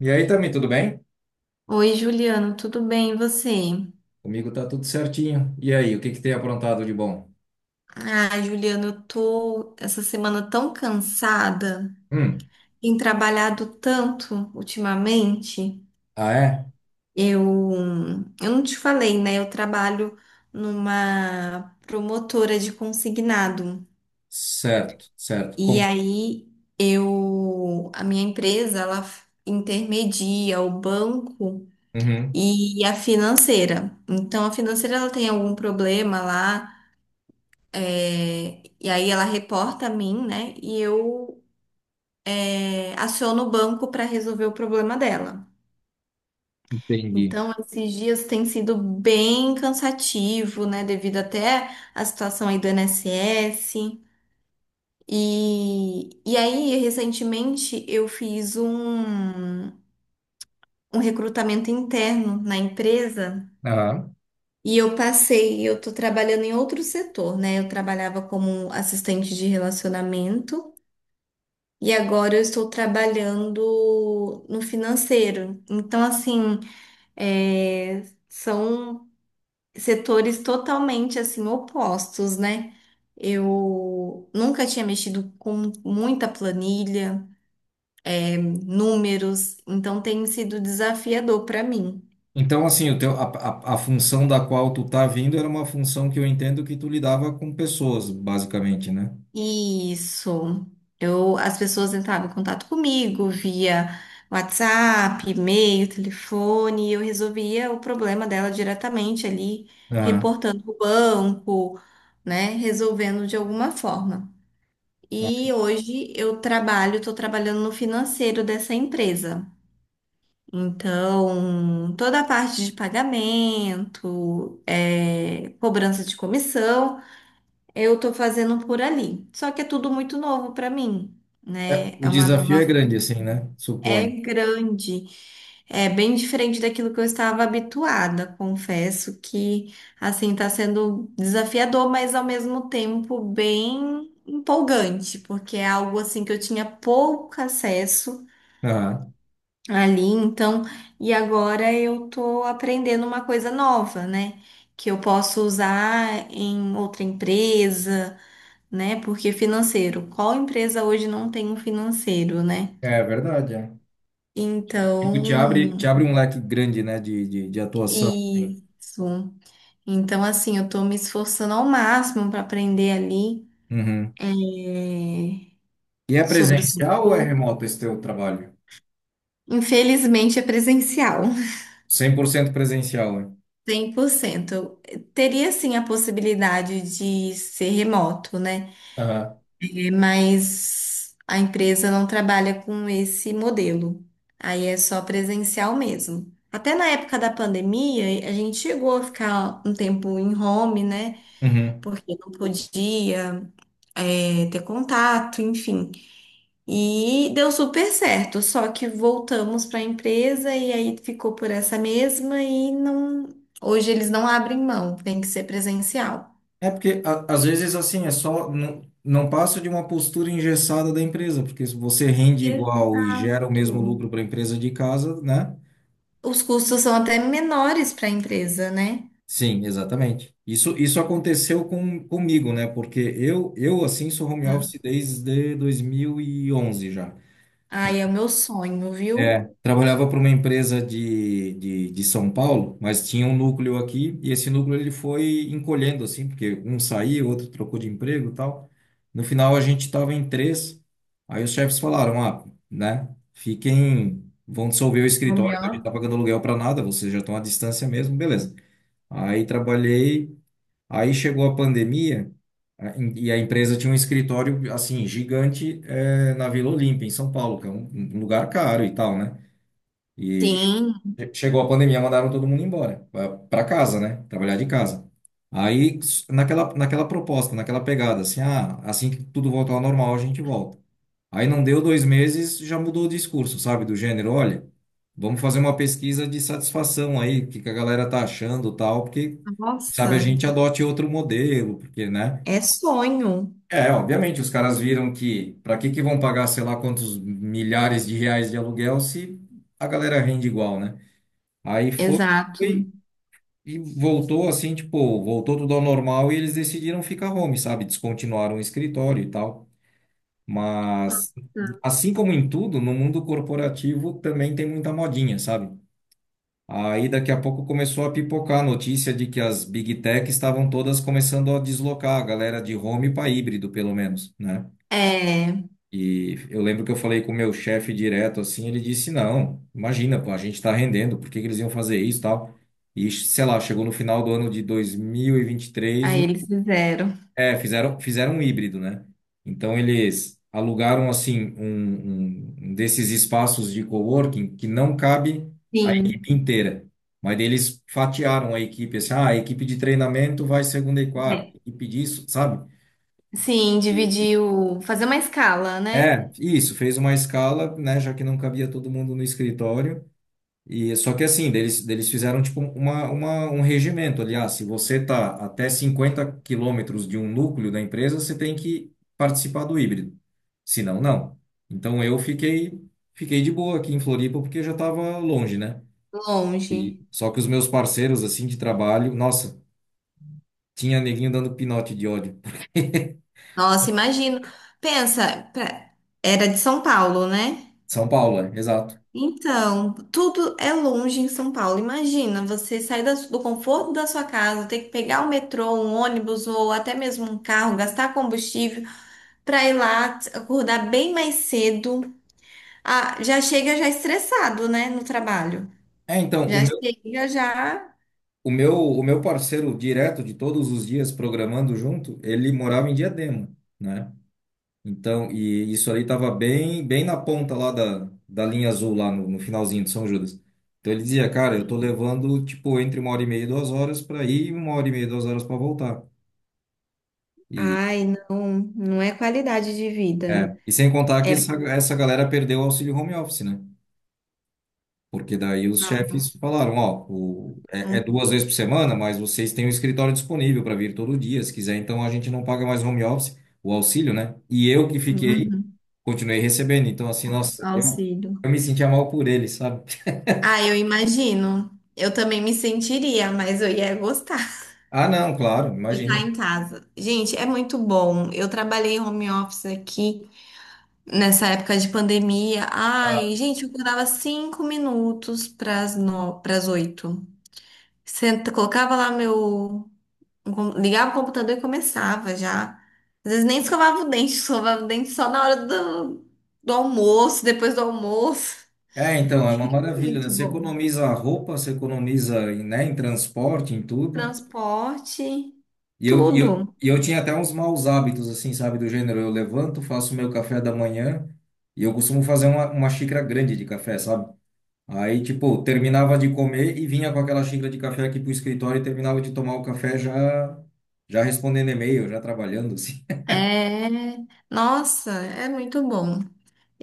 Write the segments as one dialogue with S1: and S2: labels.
S1: E aí, Tami, tudo bem?
S2: Oi, Juliano, tudo bem? E você?
S1: Comigo tá tudo certinho. E aí, o que que tem aprontado de bom?
S2: Ah, Juliano, eu tô essa semana tão cansada,
S1: Hum,
S2: tenho trabalhado tanto ultimamente.
S1: ah, é?
S2: Eu, eu não te falei, né? Eu trabalho numa promotora de consignado.
S1: Certo, certo.
S2: E
S1: Como?
S2: aí eu, a minha empresa, ela intermedia o banco
S1: Uhum,
S2: e a financeira. Então, a financeira ela tem algum problema lá. É, e aí ela reporta a mim, né? E eu, aciono o banco para resolver o problema dela.
S1: entendi.
S2: Então, esses dias tem sido bem cansativo, né? Devido até à situação aí do INSS. E aí, recentemente, eu fiz um recrutamento interno na empresa
S1: Aham.
S2: e eu passei, eu tô trabalhando em outro setor, né? Eu trabalhava como assistente de relacionamento. E agora eu estou trabalhando no financeiro. Então, assim, é, são setores totalmente assim opostos, né? Eu nunca tinha mexido com muita planilha, números, então tem sido desafiador para mim.
S1: Então, assim, o teu, a função da qual tu tá vindo era uma função que eu entendo que tu lidava com pessoas, basicamente, né?
S2: Isso. Eu, as pessoas entravam em contato comigo via WhatsApp, e-mail, telefone, e eu resolvia o problema dela diretamente ali,
S1: Aham.
S2: reportando o banco, né? Resolvendo de alguma forma.
S1: Ah,
S2: E hoje eu trabalho, estou trabalhando no financeiro dessa empresa. Então, toda a parte de pagamento, é, cobrança de comissão. Eu tô fazendo por ali. Só que é tudo muito novo para mim,
S1: é,
S2: né?
S1: o
S2: É uma
S1: desafio
S2: nova.
S1: é grande, assim, né?
S2: É
S1: Suponho.
S2: grande. É bem diferente daquilo que eu estava habituada. Confesso que, assim, tá sendo desafiador, mas ao mesmo tempo bem empolgante, porque é algo, assim, que eu tinha pouco acesso
S1: Aham.
S2: ali. Então, e agora eu tô aprendendo uma coisa nova, né? Que eu posso usar em outra empresa, né? Porque financeiro, qual empresa hoje não tem um financeiro, né?
S1: É verdade, é. Tipo, te
S2: Então,
S1: abre um leque grande, né, de atuação. Sim.
S2: isso. Então, assim, eu tô me esforçando ao máximo para aprender ali
S1: Uhum.
S2: é,
S1: E é
S2: sobre o
S1: presencial ou é
S2: setor.
S1: remoto esse teu trabalho?
S2: Infelizmente, é presencial,
S1: Cem por cento presencial, hein?
S2: 100%. Eu teria, sim, a possibilidade de ser remoto, né?
S1: Aham.
S2: Mas a empresa não trabalha com esse modelo. Aí é só presencial mesmo. Até na época da pandemia, a gente chegou a ficar um tempo em home, né?
S1: Uhum.
S2: Porque não podia, é, ter contato, enfim. E deu super certo. Só que voltamos para a empresa e aí ficou por essa mesma e não. Hoje eles não abrem mão, tem que ser presencial.
S1: É porque às vezes assim é só não passa de uma postura engessada da empresa, porque se você rende igual e gera o mesmo
S2: Exato.
S1: lucro para a empresa de casa, né?
S2: Os custos são até menores para a empresa, né?
S1: Sim, exatamente. Isso aconteceu comigo, né? Porque eu assim sou home
S2: Hum.
S1: office desde 2011 já.
S2: Ai, é o meu sonho,
S1: É,
S2: viu?
S1: trabalhava para uma empresa de São Paulo, mas tinha um núcleo aqui, e esse núcleo ele foi encolhendo, assim, porque um saiu, outro trocou de emprego e tal. No final, a gente estava em três, aí os chefes falaram, ah, né, fiquem, vão dissolver o
S2: Home
S1: escritório, que a gente
S2: office.
S1: está pagando aluguel para nada, vocês já estão à distância mesmo, beleza. Aí trabalhei, aí chegou a pandemia, e a empresa tinha um escritório, assim, gigante, na Vila Olímpia, em São Paulo, que é um lugar caro e tal, né? E
S2: Sim,
S1: chegou a pandemia, mandaram todo mundo embora, para casa, né? Trabalhar de casa. Aí, naquela, naquela pegada, assim, ah, assim que tudo voltar ao normal, a gente volta. Aí não deu dois meses, já mudou o discurso, sabe? Do gênero, olha, vamos fazer uma pesquisa de satisfação aí, o que que a galera tá achando, tal, porque, sabe, a
S2: nossa,
S1: gente adote outro modelo, porque, né?
S2: é sonho.
S1: É, obviamente, os caras viram que para que que vão pagar sei lá quantos milhares de reais de aluguel se a galera rende igual, né? Aí foi,
S2: Exato.
S1: foi e voltou assim, tipo, voltou tudo ao normal e eles decidiram ficar home, sabe? Descontinuaram o escritório e tal. Mas, assim como em tudo, no mundo corporativo também tem muita modinha, sabe? Aí daqui a pouco começou a pipocar a notícia de que as Big Tech estavam todas começando a deslocar a galera de home para híbrido, pelo menos, né?
S2: É,
S1: E eu lembro que eu falei com o meu chefe direto assim, ele disse: "Não, imagina, pô, a gente tá rendendo, por que que eles iam fazer isso, e tal?" E sei lá, chegou no final do ano de 2023,
S2: aí eles fizeram.
S1: é, fizeram um híbrido, né? Então eles alugaram assim um desses espaços de coworking que não cabe a
S2: Sim,
S1: equipe inteira. Mas daí eles fatiaram a equipe assim, ah, a equipe de treinamento vai segunda e quarta,
S2: bem,
S1: a equipe disso, sabe?
S2: sim, dividir o, fazer uma escala, né?
S1: É, isso, fez uma escala, né, já que não cabia todo mundo no escritório. E só que assim, deles fizeram tipo um regimento, aliás, se você tá até 50 quilômetros de um núcleo da empresa, você tem que participar do híbrido. Se não, não. Então eu fiquei fiquei de boa aqui em Floripa porque já estava longe, né?
S2: Longe.
S1: Só que os meus parceiros assim de trabalho, nossa, tinha neguinho dando pinote de ódio.
S2: Nossa, imagino. Pensa, era de São Paulo, né?
S1: São Paulo, é, exato.
S2: Então, tudo é longe em São Paulo. Imagina, você sair do conforto da sua casa, ter que pegar o metrô, um ônibus ou até mesmo um carro, gastar combustível para ir lá, acordar bem mais cedo. Ah, já chega já estressado, né, no trabalho.
S1: É, então,
S2: Já chega já.
S1: O meu parceiro direto de todos os dias programando junto, ele morava em Diadema, né? Então, e isso ali estava bem na ponta lá da, da linha azul, lá no, no finalzinho de São Judas. Então ele dizia, cara, eu tô levando, tipo, entre uma hora e meia e duas horas para ir e uma hora e meia e duas horas para voltar. E,
S2: Ai, não, não é qualidade de vida.
S1: é, e sem contar que
S2: É
S1: essa galera perdeu o auxílio home office, né? Porque daí os chefes falaram, ó, é
S2: um
S1: duas vezes por semana, mas vocês têm o escritório disponível para vir todo dia, se quiser, então a gente não paga mais home office, o auxílio, né? E eu que fiquei,
S2: um
S1: continuei recebendo. Então, assim, nossa,
S2: auxílio.
S1: eu me sentia mal por ele, sabe?
S2: Ah, eu imagino. Eu também me sentiria, mas eu ia gostar.
S1: Ah, não, claro,
S2: De estar
S1: imagina.
S2: em casa. Gente, é muito bom. Eu trabalhei home office aqui nessa época de pandemia. Ai, gente, eu acordava cinco minutos pras no... pras oito. Senta, colocava lá meu. Ligava o computador e começava já. Às vezes nem escovava o dente, escovava o dente só na hora do, do almoço, depois do almoço.
S1: É, então, é uma maravilha, né?
S2: Muito
S1: Você
S2: bom.
S1: economiza roupa, você economiza, né, em transporte, em tudo.
S2: Transporte,
S1: E
S2: tudo.
S1: e eu tinha até uns maus hábitos, assim, sabe? Do gênero, eu levanto, faço meu café da manhã e eu costumo fazer uma xícara grande de café, sabe? Aí, tipo, terminava de comer e vinha com aquela xícara de café aqui pro escritório e terminava de tomar o café já, já respondendo e-mail, já trabalhando, assim.
S2: É. Nossa, é muito bom.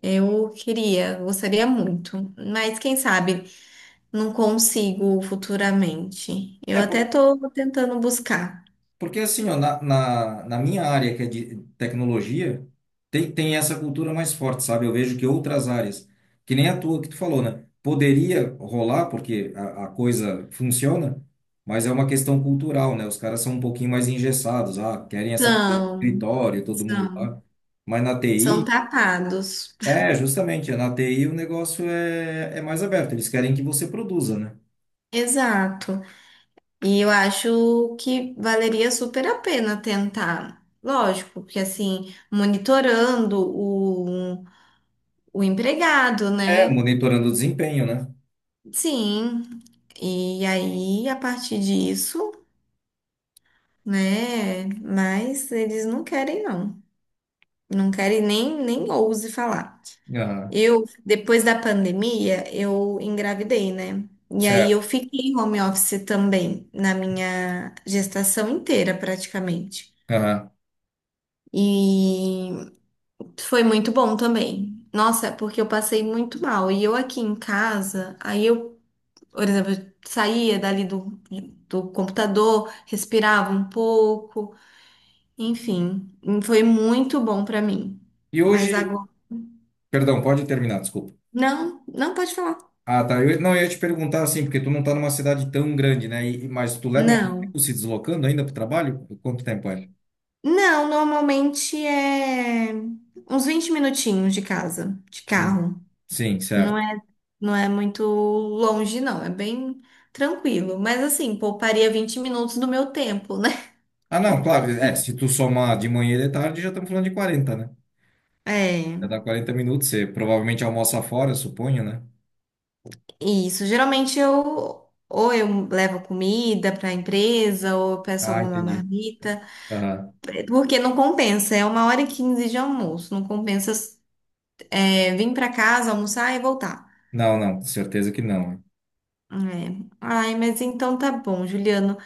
S2: Eu queria, gostaria muito, mas quem sabe não consigo futuramente. Eu
S1: É.
S2: até estou tentando buscar.
S1: Porque assim, ó, na minha área, que é de tecnologia, tem essa cultura mais forte, sabe? Eu vejo que outras áreas, que nem a tua que tu falou, né? Poderia rolar, porque a coisa funciona, mas é uma questão cultural, né? Os caras são um pouquinho mais engessados, ah, querem essa coisa do
S2: São,
S1: escritório, todo mundo
S2: são,
S1: lá. Mas na
S2: são
S1: TI,
S2: tapados.
S1: é, justamente, na TI o negócio é, é mais aberto, eles querem que você produza, né?
S2: Exato. E eu acho que valeria super a pena tentar. Lógico, porque assim, monitorando o empregado,
S1: É,
S2: né?
S1: monitorando o desempenho, né?
S2: Sim. E aí, a partir disso, né? Mas eles não querem, não. Não quero e nem, nem ouse falar.
S1: Aham,
S2: Eu, depois da pandemia, eu engravidei, né? E aí
S1: certo.
S2: eu fiquei em home office também, na minha gestação inteira, praticamente.
S1: Aham.
S2: E foi muito bom também. Nossa, porque eu passei muito mal. E eu aqui em casa, aí eu, por exemplo, eu saía dali do, do computador, respirava um pouco, enfim, foi muito bom pra mim.
S1: E
S2: Mas
S1: hoje,
S2: agora.
S1: perdão, pode terminar, desculpa.
S2: Não, não pode falar.
S1: Ah, tá. Eu, não, eu ia te perguntar assim, porque tu não tá numa cidade tão grande, né? E, mas tu leva muito
S2: Não.
S1: tempo se deslocando ainda pro trabalho? Quanto tempo é?
S2: Não, normalmente é uns 20 minutinhos de casa, de
S1: Hum,
S2: carro.
S1: Sim,
S2: Não
S1: certo.
S2: é, não é muito longe, não. É bem tranquilo. Mas assim, pouparia 20 minutos do meu tempo, né?
S1: Ah, não, claro. É, se tu somar de manhã e de tarde, já estamos falando de 40, né?
S2: É,
S1: Já dá 40 minutos. Você provavelmente almoça fora, suponho, né?
S2: isso. Geralmente eu ou eu levo comida para a empresa ou eu peço
S1: Ah,
S2: alguma
S1: entendi.
S2: marmita,
S1: Aham.
S2: porque não compensa. É 1 hora e 15 de almoço. Não compensa, vir para casa, almoçar e voltar.
S1: Não, não, certeza que não.
S2: É. Ai, mas então tá bom, Juliano.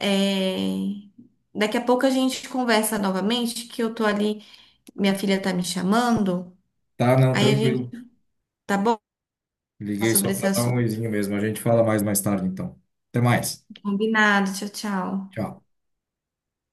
S2: É, daqui a pouco a gente conversa novamente, que eu tô ali, minha filha tá me chamando.
S1: Tá, não,
S2: Aí a gente,
S1: tranquilo.
S2: tá bom?
S1: Liguei só
S2: Sobre esse
S1: para dar um
S2: assunto.
S1: oizinho mesmo. A gente fala mais tarde, então. Até mais.
S2: Combinado. Tchau, tchau.
S1: Tchau.